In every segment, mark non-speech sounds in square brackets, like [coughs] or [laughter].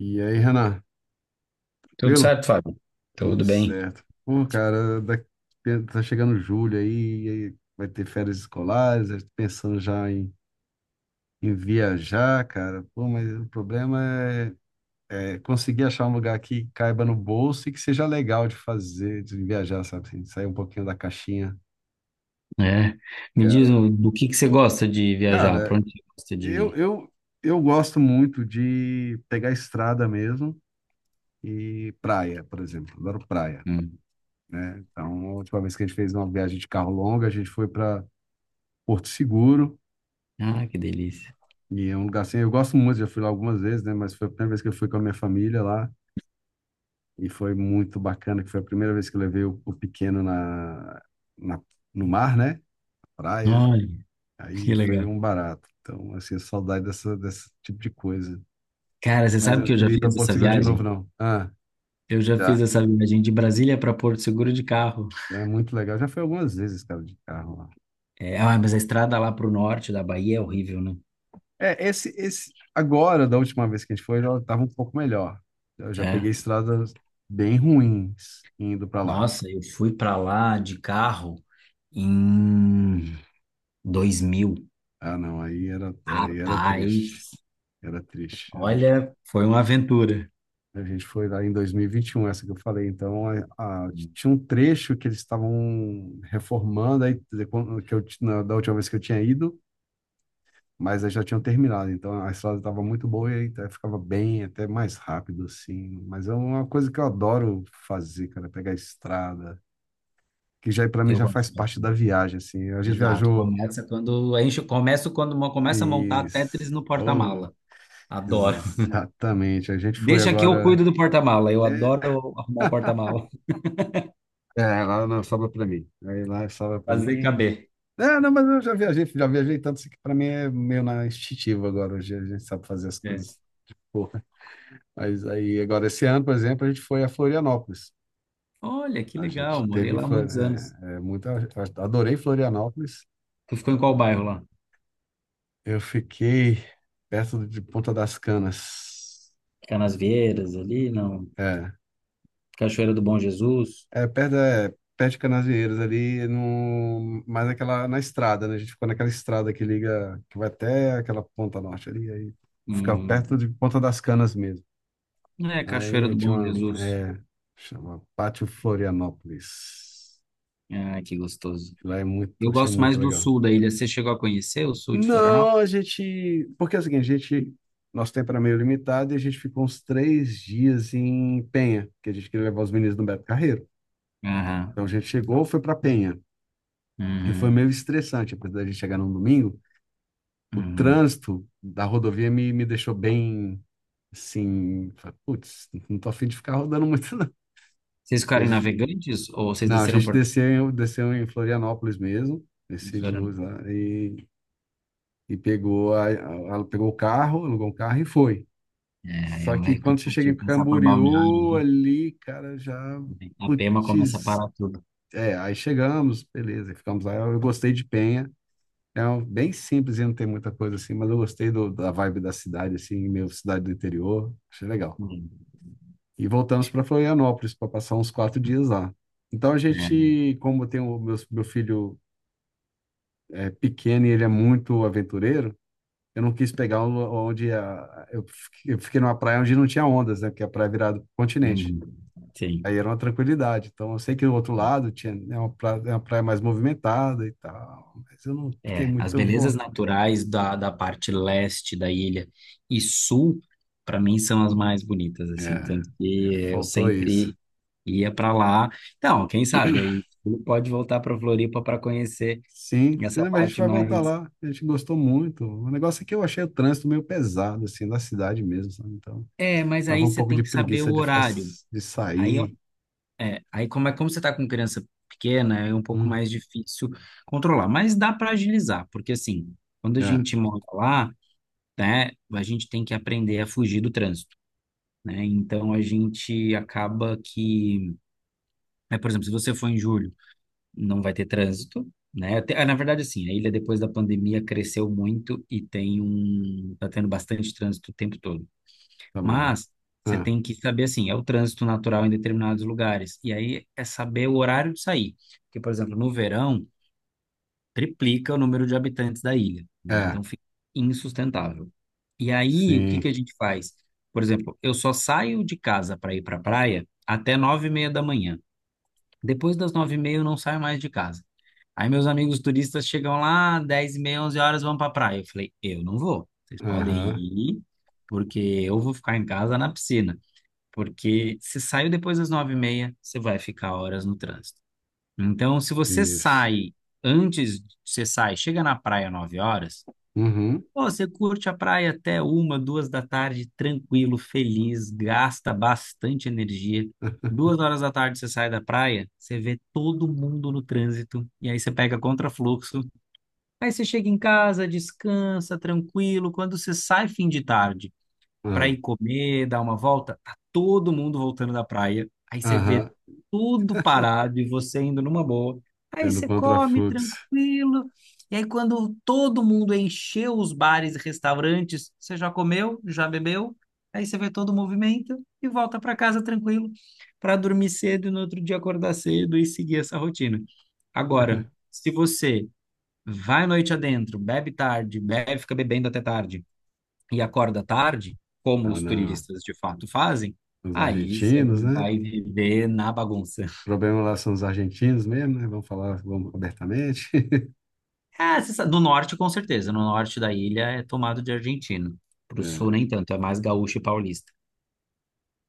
E aí, Renan, Tudo tranquilo? certo, Fábio? Tudo Tudo bem. certo. Pô, cara, tá chegando julho aí, e aí vai ter férias escolares, eu tô pensando já em viajar, cara. Pô, mas o problema é conseguir achar um lugar que caiba no bolso e que seja legal de fazer, de viajar, sabe? Assim, sair um pouquinho da caixinha, É. Me diz cara. Do que você gosta de viajar? Pra Cara, onde você gosta de eu, ir? eu, eu gosto muito de pegar estrada mesmo e praia, por exemplo. Adoro praia, Hum. né? Então, a última vez que a gente fez uma viagem de carro longa, a gente foi para Porto Seguro, Ah, que delícia. e é um lugar assim, eu gosto muito, já fui lá algumas vezes, né? Mas foi a primeira vez que eu fui com a minha família lá, e foi muito bacana, que foi a primeira vez que eu levei o pequeno na, no mar, né? Praia, Olha, que aí foi legal. um barato. Então, assim, saudade dessa, desse tipo de coisa. Cara, você Mas sabe eu não que eu já queria ir para fiz Porto essa Seguro de novo, viagem? não. Ah, Eu já fiz já. essa viagem de Brasília para Porto Seguro de carro. É muito legal. Já foi algumas vezes, cara, de carro lá. É, ah, mas a estrada lá para o norte da Bahia é horrível, né? É, agora, da última vez que a gente foi, já estava um pouco melhor. Eu já peguei É. estradas bem ruins indo para lá. Nossa, eu fui para lá de carro em 2000. Ah, não, aí era Rapaz, triste. Era triste. Olha, foi uma aventura. A gente foi lá em 2021, essa que eu falei. Então, tinha um trecho que eles estavam reformando, aí, quer dizer, quando- que eu, ti- na- da última vez que eu tinha ido, mas aí já tinham terminado. Então, a estrada estava muito boa e aí, até ficava bem, até mais rápido, assim. Mas é uma coisa que eu adoro fazer, cara, pegar a estrada que já para mim Eu já gosto faz parte da bastante. viagem, assim. A gente Exato. viajou Começa quando enche, começa a montar e Tetris no pô, porta-mala. Adoro. exatamente, a gente foi Deixa que eu agora cuido do porta-mala. Eu é, adoro arrumar um porta-mala, é, lá não sobra para mim. Aí lá sobra [laughs] para fazer mim. caber. É, não, mas eu já viajei tanto assim que para mim é meio na instintiva agora, hoje a gente sabe fazer as É. coisas. Pô, mas aí agora esse ano, por exemplo, a gente foi a Florianópolis. Olha, que A gente legal. Morei teve em lá há muitos anos. Muito, adorei Florianópolis. Tu ficou em qual bairro lá? Eu fiquei perto de Ponta das Canas. Canasvieiras ali, não. É. Cachoeira do Bom Jesus. É, perto de Canasvieiras ali, no, mais aquela, na estrada, né? A gente ficou naquela estrada que liga, que vai até aquela ponta norte ali, aí ficava perto Uhum. de Ponta das Canas mesmo. É, Cachoeira Aí do tinha Bom uma, Jesus. é, chama Pátio Florianópolis. Ah, que gostoso. Lá é muito, Eu achei gosto mais muito do legal. sul da ilha. Você chegou a conhecer o sul de Florianópolis? Não, porque é o seguinte, a gente, nosso tempo era meio limitado e a gente ficou uns três dias em Penha, que a gente queria levar os meninos do Beto Carreiro. Aham. Então a gente chegou, foi para Penha. E foi meio Uhum. estressante, apesar de a gente chegar num domingo, o Uhum. trânsito da rodovia me deixou bem, assim, falei, putz, não tô a fim de ficar rodando muito, não. [laughs] Vocês A ficaram em gente, Navegantes ou vocês não, desceram por desceu em Florianópolis mesmo, Ercílio em Luz lá, e pegou, pegou o carro, alugou um carro e foi. é. É, é Só que mais quando você chega em cansativo passar por Balneário Camboriú, ali. ali, cara, já, A Pema começa a putz, parar tudo. é, aí chegamos, beleza, ficamos lá, eu gostei de Penha. É um, bem simples e não tem muita coisa assim, mas eu gostei da vibe da cidade, assim, meio cidade do interior, achei legal. Hum, E voltamos para Florianópolis para passar uns quatro dias lá. Então a é, gente, como tem meu filho é pequeno e ele é muito aventureiro, eu não quis pegar um- onde a, eu fiquei numa praia onde não tinha ondas, né? Porque a praia é virada para o continente. hum, sim. Aí era uma tranquilidade. Então eu sei que do outro lado tinha, né, uma praia mais movimentada e tal, mas eu não fiquei É, as muito belezas vontade. naturais da, da parte leste da ilha e sul, para mim, são as mais bonitas, assim. É, Tanto que eu faltou isso. sempre ia para lá. Então, quem sabe aí tu pode voltar para Floripa para conhecer Sim, sim, essa mas a gente parte vai voltar mais. lá. A gente gostou muito. O negócio é que eu achei o trânsito meio pesado, assim, na cidade mesmo, sabe? Então, É, mas dava aí um você pouco tem de que saber o preguiça de ficar, horário. de Aí sair. É, aí como é como você está com criança pequena, é um pouco Hum, mais difícil controlar, mas dá para agilizar, porque assim, quando a é, gente mora lá, né, a gente tem que aprender a fugir do trânsito, né? Então a gente acaba que, né, por exemplo, se você for em julho, não vai ter trânsito, né? Na verdade, assim, a ilha depois da pandemia cresceu muito e tem um, tá tendo bastante trânsito o tempo todo. tá bom. Mas você Ah, tem que saber assim, é o trânsito natural em determinados lugares. E aí é saber o horário de sair. Porque, por exemplo, no verão, triplica o número de habitantes da ilha, né? é, Então fica insustentável. E aí, o que sim, que a gente faz? Por exemplo, eu só saio de casa para ir para a praia até 9:30 da manhã. Depois das 9:30 eu não saio mais de casa. Aí meus amigos turistas chegam lá, 10:30, 11 horas, vão para a praia. Eu falei, eu não vou. Vocês podem aham, ir, porque eu vou ficar em casa na piscina. Porque se saiu depois das 9:30, você vai ficar horas no trânsito. Então, se você isso. sai antes, você sai, chega na praia 9 horas, Uhum, pô, você curte a praia até 1, 2 da tarde, tranquilo, feliz, gasta bastante energia. Duas [laughs] horas da tarde você sai da praia, você vê todo mundo no trânsito, e aí você pega contrafluxo. Aí você chega em casa, descansa, tranquilo. Quando você sai fim de tarde, para ah, ir comer, dar uma volta, tá todo mundo voltando da praia. Aí você vê aham, tudo parado e você indo numa boa. é Aí no você come contrafluxo. tranquilo. E aí quando todo mundo encheu os bares e restaurantes, você já comeu, já bebeu. Aí você vê todo o movimento e volta para casa tranquilo, para dormir cedo e no outro dia acordar cedo e seguir essa rotina. Agora, se você vai noite adentro, bebe tarde, bebe, fica bebendo até tarde, e acorda tarde, como Ah, os não, turistas de fato fazem, os aí você argentinos, né? O vai viver na bagunça. problema lá são os argentinos mesmo, né? Vamos falar, vamos abertamente. É, você sabe, no norte, com certeza. No norte da ilha é tomado de argentino. Pro sul, [laughs] nem tanto. É mais gaúcho e paulista.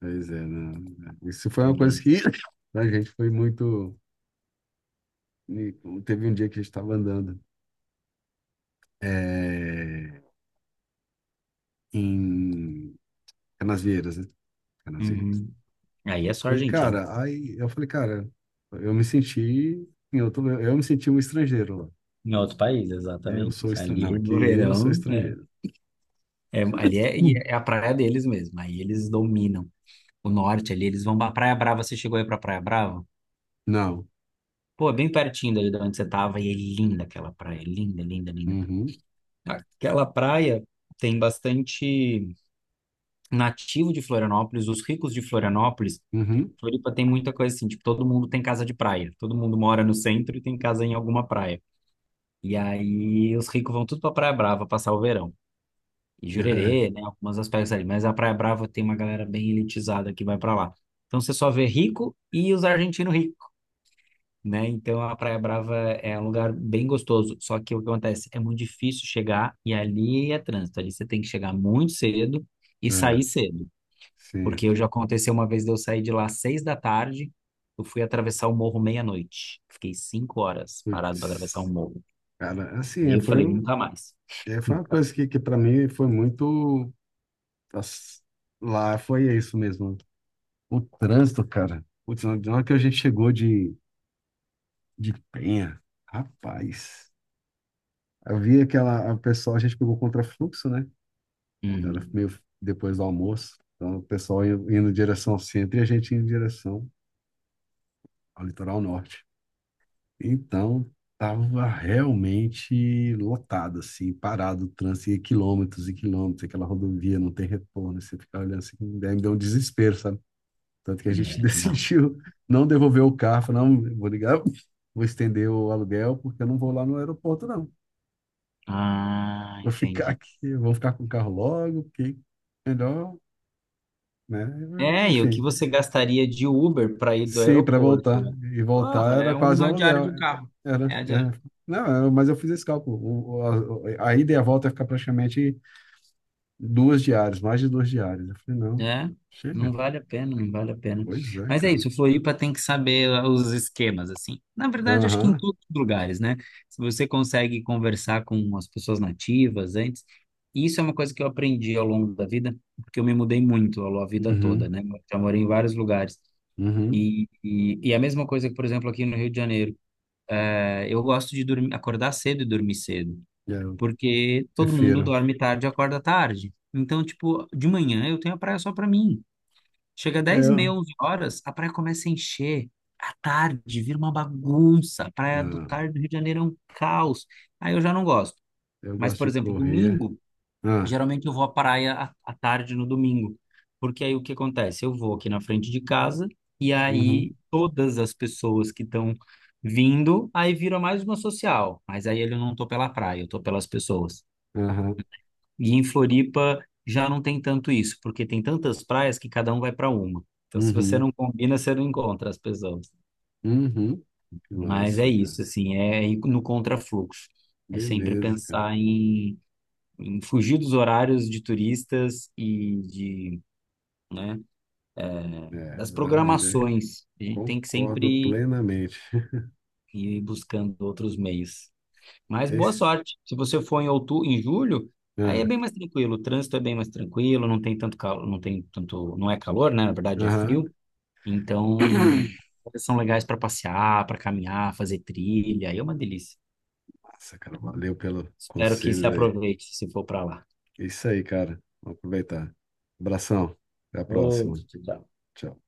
Pois é, não. Isso foi uma coisa Hum. que [laughs] [clears throat] a gente foi muito. e Teve um dia que a gente estava andando é, em Canasvieiras, né? Canasvieiras. Uhum. Aí é só E, argentino. cara, aí eu falei, cara, eu me senti. Eu me senti um estrangeiro lá. Em outro país, Eu exatamente. sou estrangeiro. Não, Ali aqui no eu sou verão, é, estrangeiro. é- ali é, e Hum. é a praia deles mesmo. Aí eles dominam. O norte ali, eles vão pra Praia Brava. Você chegou aí pra Praia Brava? Não. Pô, é bem pertinho dali de onde você tava. E é linda aquela praia. É linda, linda, linda. Uhum. Aquela praia tem bastante nativo de Florianópolis, os ricos de Florianópolis. Uhum. Floripa tem muita coisa assim, tipo, todo mundo tem casa de praia, todo mundo mora no centro e tem casa em alguma praia. E aí os ricos vão tudo pra Praia Brava passar o verão. E Jurerê, né, [laughs] algumas aspectos ali, mas a Praia Brava tem uma galera bem elitizada que vai pra lá. Então você só vê rico e os argentinos ricos, né? Então a Praia Brava é um lugar bem gostoso, só que o que acontece? É muito difícil chegar e ali é trânsito, ali você tem que chegar muito cedo e É, sair é, cedo, sim. porque eu já aconteceu uma vez de eu sair de lá às 6 da tarde, eu fui atravessar o morro meia-noite, fiquei 5 horas parado para atravessar o Putz. morro, Cara, assim, daí eu falei nunca mais. Foi uma Então, coisa que para mim foi muito. Nossa, lá foi isso mesmo. O trânsito, cara. Putz, na hora que a gente chegou de Penha, rapaz. Havia aquela. A pessoa, a gente pegou contrafluxo, né? Era uhum, meio depois do almoço. Então, indo em direção ao centro e a gente indo em direção ao litoral norte. Então, tava realmente lotado, assim, parado o trânsito, e quilômetros, aquela rodovia, não tem retorno. Você fica olhando assim, daí me deu um desespero, sabe? Tanto que a gente [laughs] é, não. decidiu não devolver o carro. Falei, não, vou ligar, vou estender o aluguel, porque eu não vou lá no aeroporto, não. Ah, Vou ficar entendi. aqui, vou ficar com o carro logo, porque melhor, né? É, e o que Enfim, você gastaria de Uber para ir do sim, para voltar. aeroporto? E Porra, voltar era é quase o uma diária de aluguel. um carro. Era, É a. era. Não, era- mas eu fiz esse cálculo. A ida e a volta ia ficar praticamente duas diárias, mais de duas diárias. Eu falei, não, É, não chega. vale a pena, não vale a pena. Pois é, Mas é cara. isso, Floripa tem que saber ah, os esquemas, assim. Na verdade, acho que em Aham. todos os lugares, né? Se você consegue conversar com as pessoas nativas antes, e isso é uma coisa que eu aprendi ao longo da vida, porque eu me mudei muito ao longo da vida toda, Uhum. né? Eu já morei em vários lugares. Uhum. E a mesma coisa que, por exemplo, aqui no Rio de Janeiro, é, eu gosto de dormir, acordar cedo e dormir cedo, É, eu porque todo mundo prefiro. dorme tarde e acorda tarde. Então, tipo, de manhã eu tenho a praia só pra mim. Chega dez e É, meia, onze horas, a praia começa a encher. À tarde, vira uma bagunça. A praia do não, tarde do Rio de Janeiro é um caos. Aí eu já não gosto. eu Mas, gosto por de exemplo, correr. domingo, Ah, geralmente eu vou à praia à, à tarde no domingo. Porque aí o que acontece? Eu vou aqui na frente de casa e uhum, aí todas as pessoas que estão vindo, aí vira mais uma social. Mas aí eu não tô pela praia, eu tô pelas pessoas. aham, E em Floripa já não tem tanto isso, porque tem tantas praias que cada um vai para uma. Então, se você uhum, não combina, você não encontra as pessoas. uhum. Mas é Nossa, cara. isso, assim, é ir no contrafluxo. É sempre Beleza, cara. pensar em, em fugir dos horários de turistas e de, né, É, das ah, mas é, programações. A gente tem que concordo sempre plenamente. [laughs] ir buscando outros meios. Mas boa Esse, sorte. Se você for em outubro, em julho, aí é ah, bem mais tranquilo. O trânsito é bem mais tranquilo, não tem tanto calor, não tem tanto, não é calor, né? Na verdade é aham. frio. Então, [coughs] são legais para passear, para caminhar, fazer trilha. Aí é uma delícia. [clears throat] Nossa, cara, valeu pelo Espero que se conselho aí. aproveite se for para lá. É isso aí, cara. Vamos aproveitar. Abração. Até a próxima. Outro Tchau.